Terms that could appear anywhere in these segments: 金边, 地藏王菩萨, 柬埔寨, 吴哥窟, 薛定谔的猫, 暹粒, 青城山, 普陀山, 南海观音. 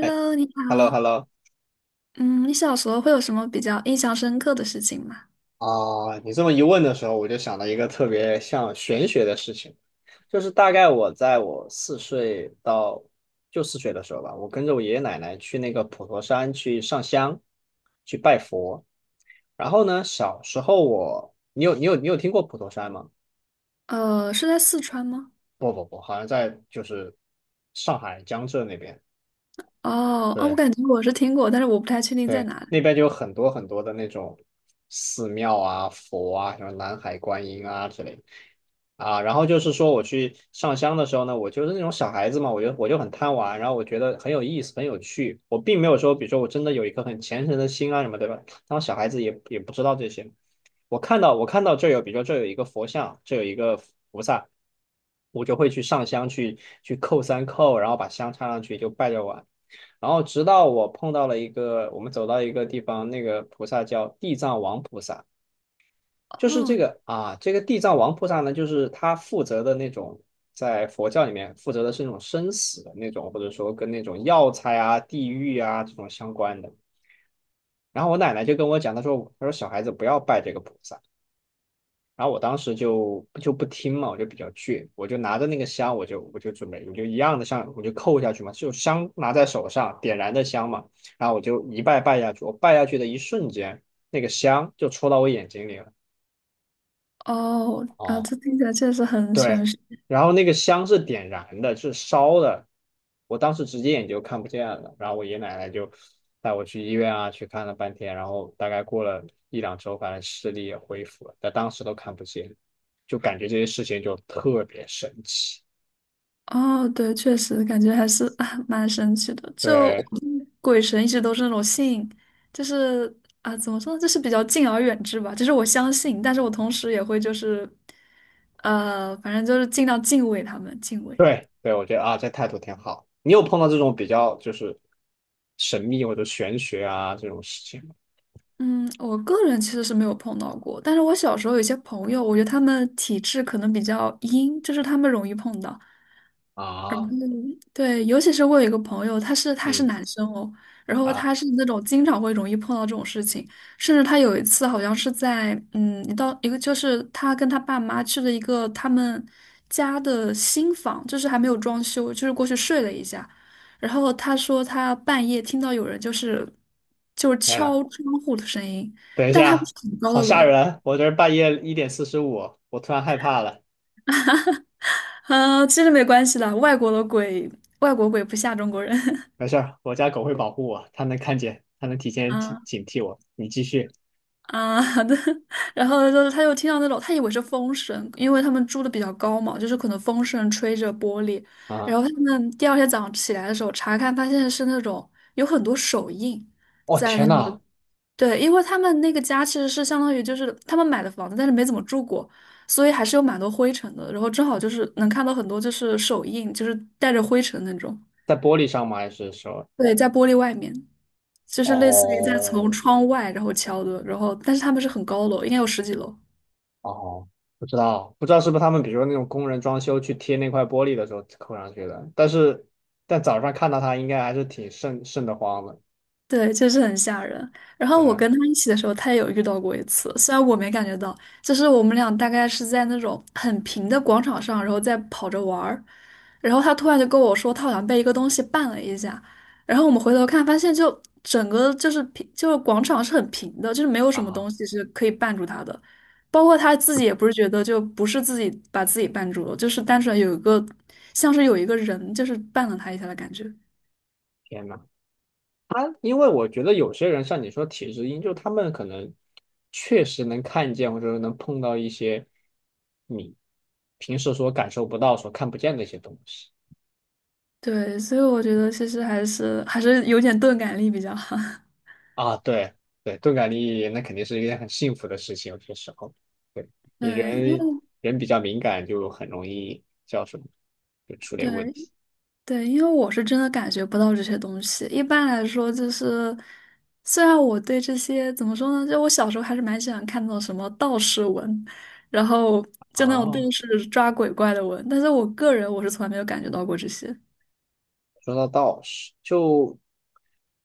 哎 你 Hello h e 好。l l o 嗯，你小时候会有什么比较印象深刻的事情吗？啊，你这么一问的时候，我就想到一个特别像玄学的事情，就是大概我在我四岁到就四岁的时候吧，我跟着我爷爷奶奶去那个普陀山去上香。然后呢，小时候我，你有听过普陀山吗？呃，是在四川吗？不不不，好像在就是上海江浙那边。哦，哦，我对，感觉我是听过，但是我不太确定在对，哪那里。边就有很多很多的那种寺庙啊、佛啊，什么南海观音啊之类的啊。然后就是说，我去上香的时候呢，我就是那种小孩子嘛，我就很贪玩，然后我觉得很有意思、很有趣。我并没有说，比如说我真的有一颗很虔诚的心啊什么，对吧？当小孩子也不知道这些。我看到这有，比如说这有一个佛像，这有一个菩萨，我就会去上香去叩三叩，然后把香插上去就拜着玩。然后直到我碰到了一个，我们走到一个地方，那个菩萨叫地藏王菩萨，就是这哦，个啊，这个地藏王菩萨呢，就是他负责的那种，在佛教里面负责的是那种生死的那种，或者说跟那种药材啊、地狱啊这种相关的。然后我奶奶就跟我讲，她说小孩子不要拜这个菩萨，然后我当时就不听嘛，我就比较倔，我就拿着那个香，我就准备，我就一样的像我就扣下去嘛，就香拿在手上，点燃的香嘛，然后我就一拜拜下去，我拜下去的一瞬间，那个香就戳到我眼睛里了。哦，啊，这听起来确实很对。玄学。然后那个香是点燃的，是烧的，我当时直接眼就看不见了，然后我爷爷奶奶就带我去医院啊，去看了半天，然后大概过了一两周，反正视力也恢复了，但当时都看不见，就感觉这些事情就特别神奇。哦，对，确实感觉还是 啊蛮神奇的。就我对对鬼神一直都是那种信，就是啊，怎么说呢，就是比较敬而远之吧。就是我相信，但是我同时也会就是，反正就是尽量敬畏他们，敬畏。对对，我觉得啊，这态度挺好。你有碰到这种比较就是神秘或者玄学啊这种事情吗？嗯，我个人其实是没有碰到过，但是我小时候有一些朋友，我觉得他们体质可能比较阴，就是他们容易碰到。啊，对，尤其是我有一个朋友，他是嗯男生哦，然后啊，他是那种经常会容易碰到这种事情，甚至他有一次好像是在一个就是他跟他爸妈去了一个他们家的新房，就是还没有装修，就是过去睡了一下，然后他说他半夜听到有人就是天呐，敲窗户的声音，等一但他不下，是很高好的吓楼，人！我这儿半夜1:45，我突然害怕了。啊，其实没关系的，外国的鬼，外国鬼不吓中国人，没事儿，我家狗会保护我，它能看见，它能提 前警啊。警惕我。你继续啊，好的，然后就是他又听到那种，他以为是风声，因为他们住的比较高嘛，就是可能风声吹着玻璃。啊！然后他们第二天早上起来的时候查看，发现是那种有很多手印哦在天那呐，个，对，因为他们那个家其实是相当于就是他们买的房子，但是没怎么住过，所以还是有蛮多灰尘的。然后正好就是能看到很多就是手印，就是带着灰尘那种，在玻璃上吗？还是说？对，在玻璃外面，就是类似于在从哦窗外然后敲的，然后但是他们是很高楼，应该有十几楼。哦，不知道，不知道是不是他们，比如说那种工人装修去贴那块玻璃的时候扣上去的。但是，但早上看到它，应该还是挺瘆瘆得慌的。对，就是很吓人。然对后我跟他一起的时候，他也有遇到过一次，虽然我没感觉到，就是我们俩大概是在那种很平的广场上，然后在跑着玩儿，然后他突然就跟我说，他好像被一个东西绊了一下，然后我们回头看，发现就整个就是平，就是广场是很平的，就是没有什么啊，东西是可以绊住他的，包括他自己也不是觉得就不是自己把自己绊住了，就是单纯有一个像是有一个人就是绊了他一下的感觉。天呐！因为我觉得有些人像你说体质因就他们可能确实能看见，或者说能碰到一些你平时所感受不到、所看不见的一些东西。对，所以我觉得其实还是有点钝感力比较好。啊。对对，钝感力那肯定是一件很幸福的事情，有些时候。对。你对，因人为人比较敏感，就很容易叫什么，就出对点问题。对，因为我是真的感觉不到这些东西。一般来说，就是虽然我对这些怎么说呢，就我小时候还是蛮喜欢看那种什么道士文，然后就那种啊。电视抓鬼怪的文，但是我个人我是从来没有感觉到过这些。说到道士，就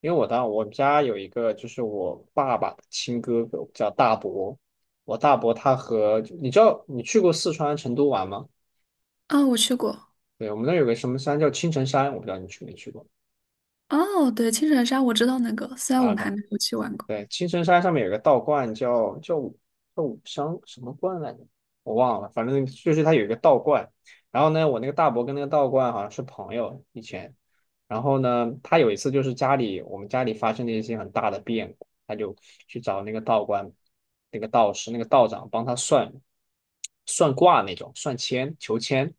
因为我当我们家有一个就是我爸爸的亲哥哥叫大伯，我大伯他和你知道你去过四川成都玩吗？啊，我去过。对，我们那儿有个什么山叫青城山，我不知道你去没去过。哦，对，青城山我知道那个，虽然我阿们还甘，没有去玩过。对，青城山上面有个道观叫武商什么观来着，我忘了，反正就是它有一个道观。然后呢，我那个大伯跟那个道观好像是朋友以前。然后呢，他有一次就是我们家里发生了一些很大的变，他就去找那个道观，那个道士，那个道长帮他算算卦那种，算签求签。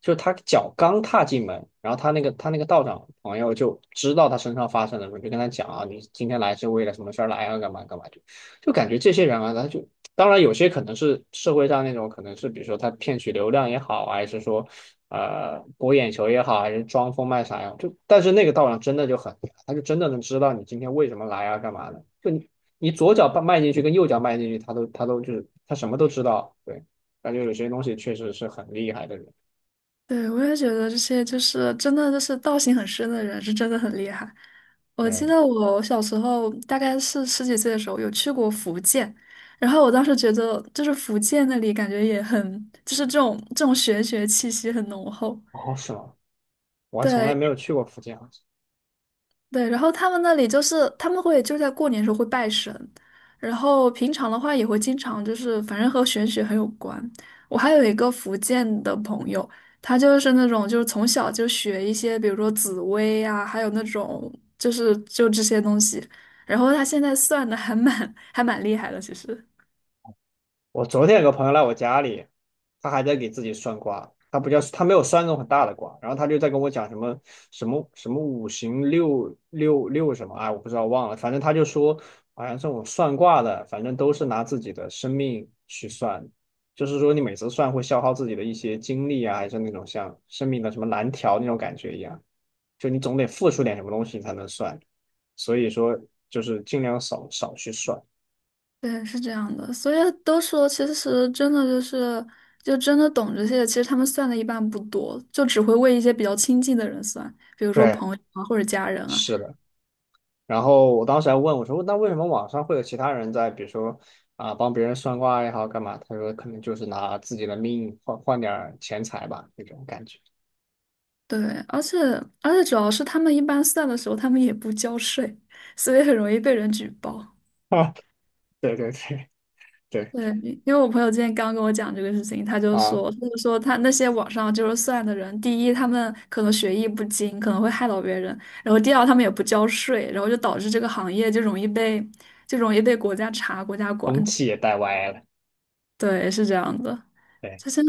就他脚刚踏进门，然后他那个道长朋友就知道他身上发生了什么，就跟他讲啊，你今天来是为了什么事儿来啊，干嘛干嘛，就就感觉这些人啊，他就当然有些可能是社会上那种，可能是比如说他骗取流量也好啊，还是说博眼球也好，还是装疯卖傻呀，就但是那个道长真的就很他就真的能知道你今天为什么来啊，干嘛的，就你左脚迈进去跟右脚迈进去，他都就是他什么都知道。对，感觉有些东西确实是很厉害的人。对，我也觉得这些就是真的，就是道行很深的人是真的很厉害。我记嗯。得我小时候大概是十几岁的时候有去过福建，然后我当时觉得就是福建那里感觉也很，就是这种玄学气息很浓厚。哦，是吗？我还从来对，没有去过福建啊，好像。对，然后他们那里就是他们会就在过年的时候会拜神，然后平常的话也会经常就是反正和玄学很有关。我还有一个福建的朋友，他就是那种就是从小就学一些，比如说紫薇啊，还有那种就这些东西，然后他现在算的还蛮 还蛮厉害的，其实。我昨天有个朋友来我家里，他还在给自己算卦，他不叫他没有算那种很大的卦，然后他就在跟我讲什么什么五行六六六什么，哎，我不知道忘了，反正他就说好像这种算卦的，反正都是拿自己的生命去算，就是说你每次算会消耗自己的一些精力啊，还是那种像生命的什么蓝条那种感觉一样，就你总得付出点什么东西你才能算，所以说就是尽量少去算。对，是这样的，所以都说，其实真的就是，就真的懂这些，其实他们算的一般不多，就只会为一些比较亲近的人算，比如说对，朋友啊或者家人啊。是的。然后我当时还问我说，那为什么网上会有其他人在，比如说啊帮别人算卦也好干嘛？他说可能就是拿自己的命换换点儿钱财吧，那种感觉。对，而且而且主要是他们一般算的时候，他们也不交税，所以很容易被人举报。啊，对对对对对，因为我朋友今天刚跟我讲这个事情，他就啊，说，他就说他那些网上就是算的人，第一，他们可能学艺不精，可能会害到别人；然后第二，他们也不交税，然后就导致这个行业就容易被国家查、国家管。风气也带歪了。对，是这样的。对就像，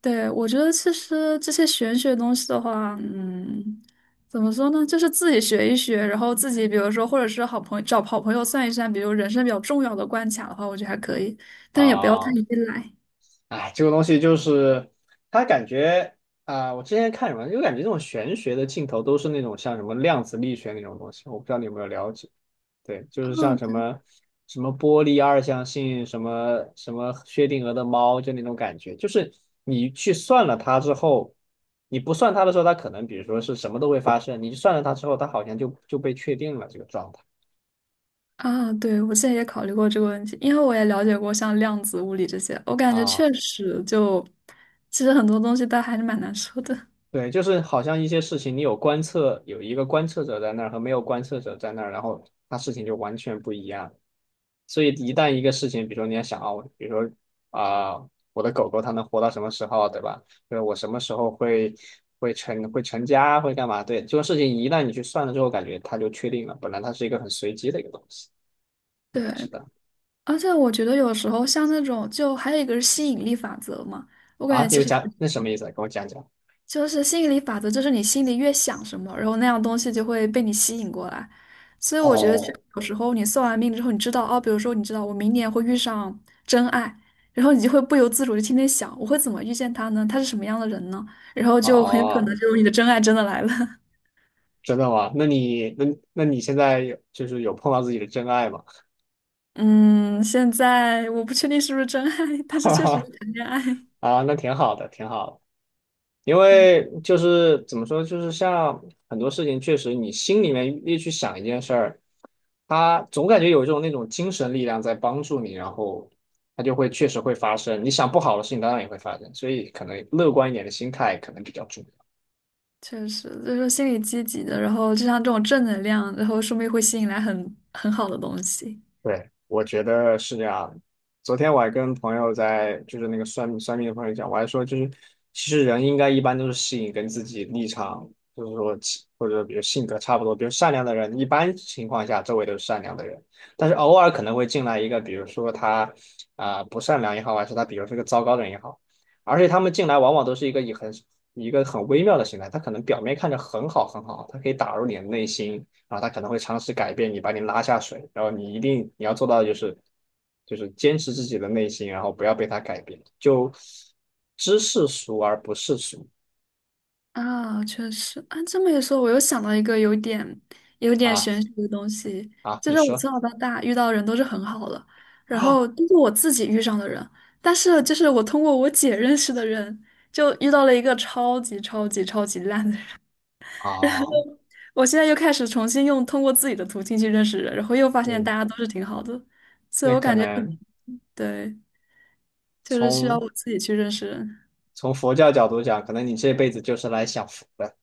对，我觉得其实这些玄学东西的话，嗯，怎么说呢？就是自己学一学，然后自己比如说，或者是好朋友找好朋友算一算，比如人生比较重要的关卡的话，我觉得还可以，但也不要太啊，依赖。哎，这个东西就是它感觉啊、我之前看什么，就感觉这种玄学的镜头都是那种像什么量子力学那种东西，我不知道你有没有了解。对，就是像哦，什么波粒二象性，什么薛定谔的猫，就那种感觉，就是你去算了它之后，你不算它的时候，它可能比如说是什么都会发生，你算了它之后，它好像就被确定了这个状态啊，对，我之前也考虑过这个问题，因为我也了解过像量子物理这些，我感觉啊。确实就，其实很多东西它还是蛮难说的。对，就是好像一些事情，你有观测，有一个观测者在那儿和没有观测者在那儿，然后它事情就完全不一样。所以一旦一个事情，比如说你要想啊，我比如说啊、我的狗狗它能活到什么时候，对吧？就是我什么时候会成家，会干嘛？对，这个事情一旦你去算了之后，感觉它就确定了。本来它是一个很随机的一个东西，你对，不知道。而且我觉得有时候像那种，就还有一个是吸引力法则嘛，我感啊？觉你其有实讲那什么意思啊？跟我讲讲。就是心理法则，就是你心里越想什么，然后那样东西就会被你吸引过来。所以我觉得这哦，有时候你算完命之后，你知道哦，比如说你知道我明年会遇上真爱，然后你就会不由自主的天天想，我会怎么遇见他呢？他是什么样的人呢？然后哦就很有可哦能就是你的真爱真的来了。真的吗？那你现在有就是有碰到自己的真爱吗？嗯，现在我不确定是不是真爱，但是哈确实在哈。谈恋爱。啊，那挺好的，挺好的。因嗯，为就是怎么说，就是像很多事情，确实你心里面越去想一件事儿，它总感觉有一种那种精神力量在帮助你，然后它就会确实会发生。你想不好的事情，当然也会发生，所以可能乐观一点的心态可能比较重要。确实就是心理积极的，然后就像这种正能量，然后说不定会吸引来很很好的东西。对，我觉得是这样的。昨天我还跟朋友在，就是那个算命算命的朋友讲，我还说就是，其实人应该一般都是吸引跟自己立场，就是说其或者比如性格差不多，比如善良的人，一般情况下周围都是善良的人，但是偶尔可能会进来一个，比如说他啊、不善良也好，还是他比如是个糟糕的人也好，而且他们进来往往都是一个以一个很微妙的形态，他可能表面看着很好很好，他可以打入你的内心。啊，他可能会尝试改变你，把你拉下水，然后你一定你要做到的就是坚持自己的内心，然后不要被他改变，就知世俗而不世俗。啊，确实啊，这么一说，我又想到一个有点啊，玄学的东西，啊！就你是我说。从小到大遇到人都是很好的，然啊后都是我自己遇上的人，但是就是我通过我姐认识的人，就遇到了一个超级超级超级烂的人。啊。我现在又开始重新用通过自己的途径去认识人，然后又发现嗯，大家都是挺好的，所以那我可感觉可能能对，就是需要从我自己去认识人，从佛教角度讲，可能你这辈子就是来享福的，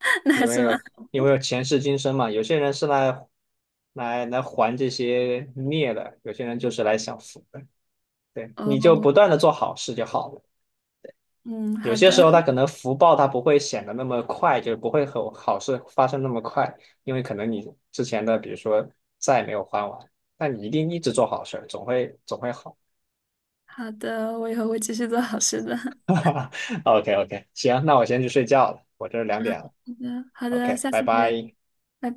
那还因为是蛮有因为有前世今生嘛，有些人是来还这些孽的，有些人就是来享福的，对，你就哦，不断的做好事就好了。嗯，有好些时的候它可能福报它不会显得那么快，就是不会和好事发生那么快，因为可能你之前的比如说债没有还完，但你一定一直做好事儿总会好。好的，我以后会继续做好事的。OK OK，行，那我先去睡觉了，我这2点了。好的，好的，OK，下拜次再聊，拜拜。拜。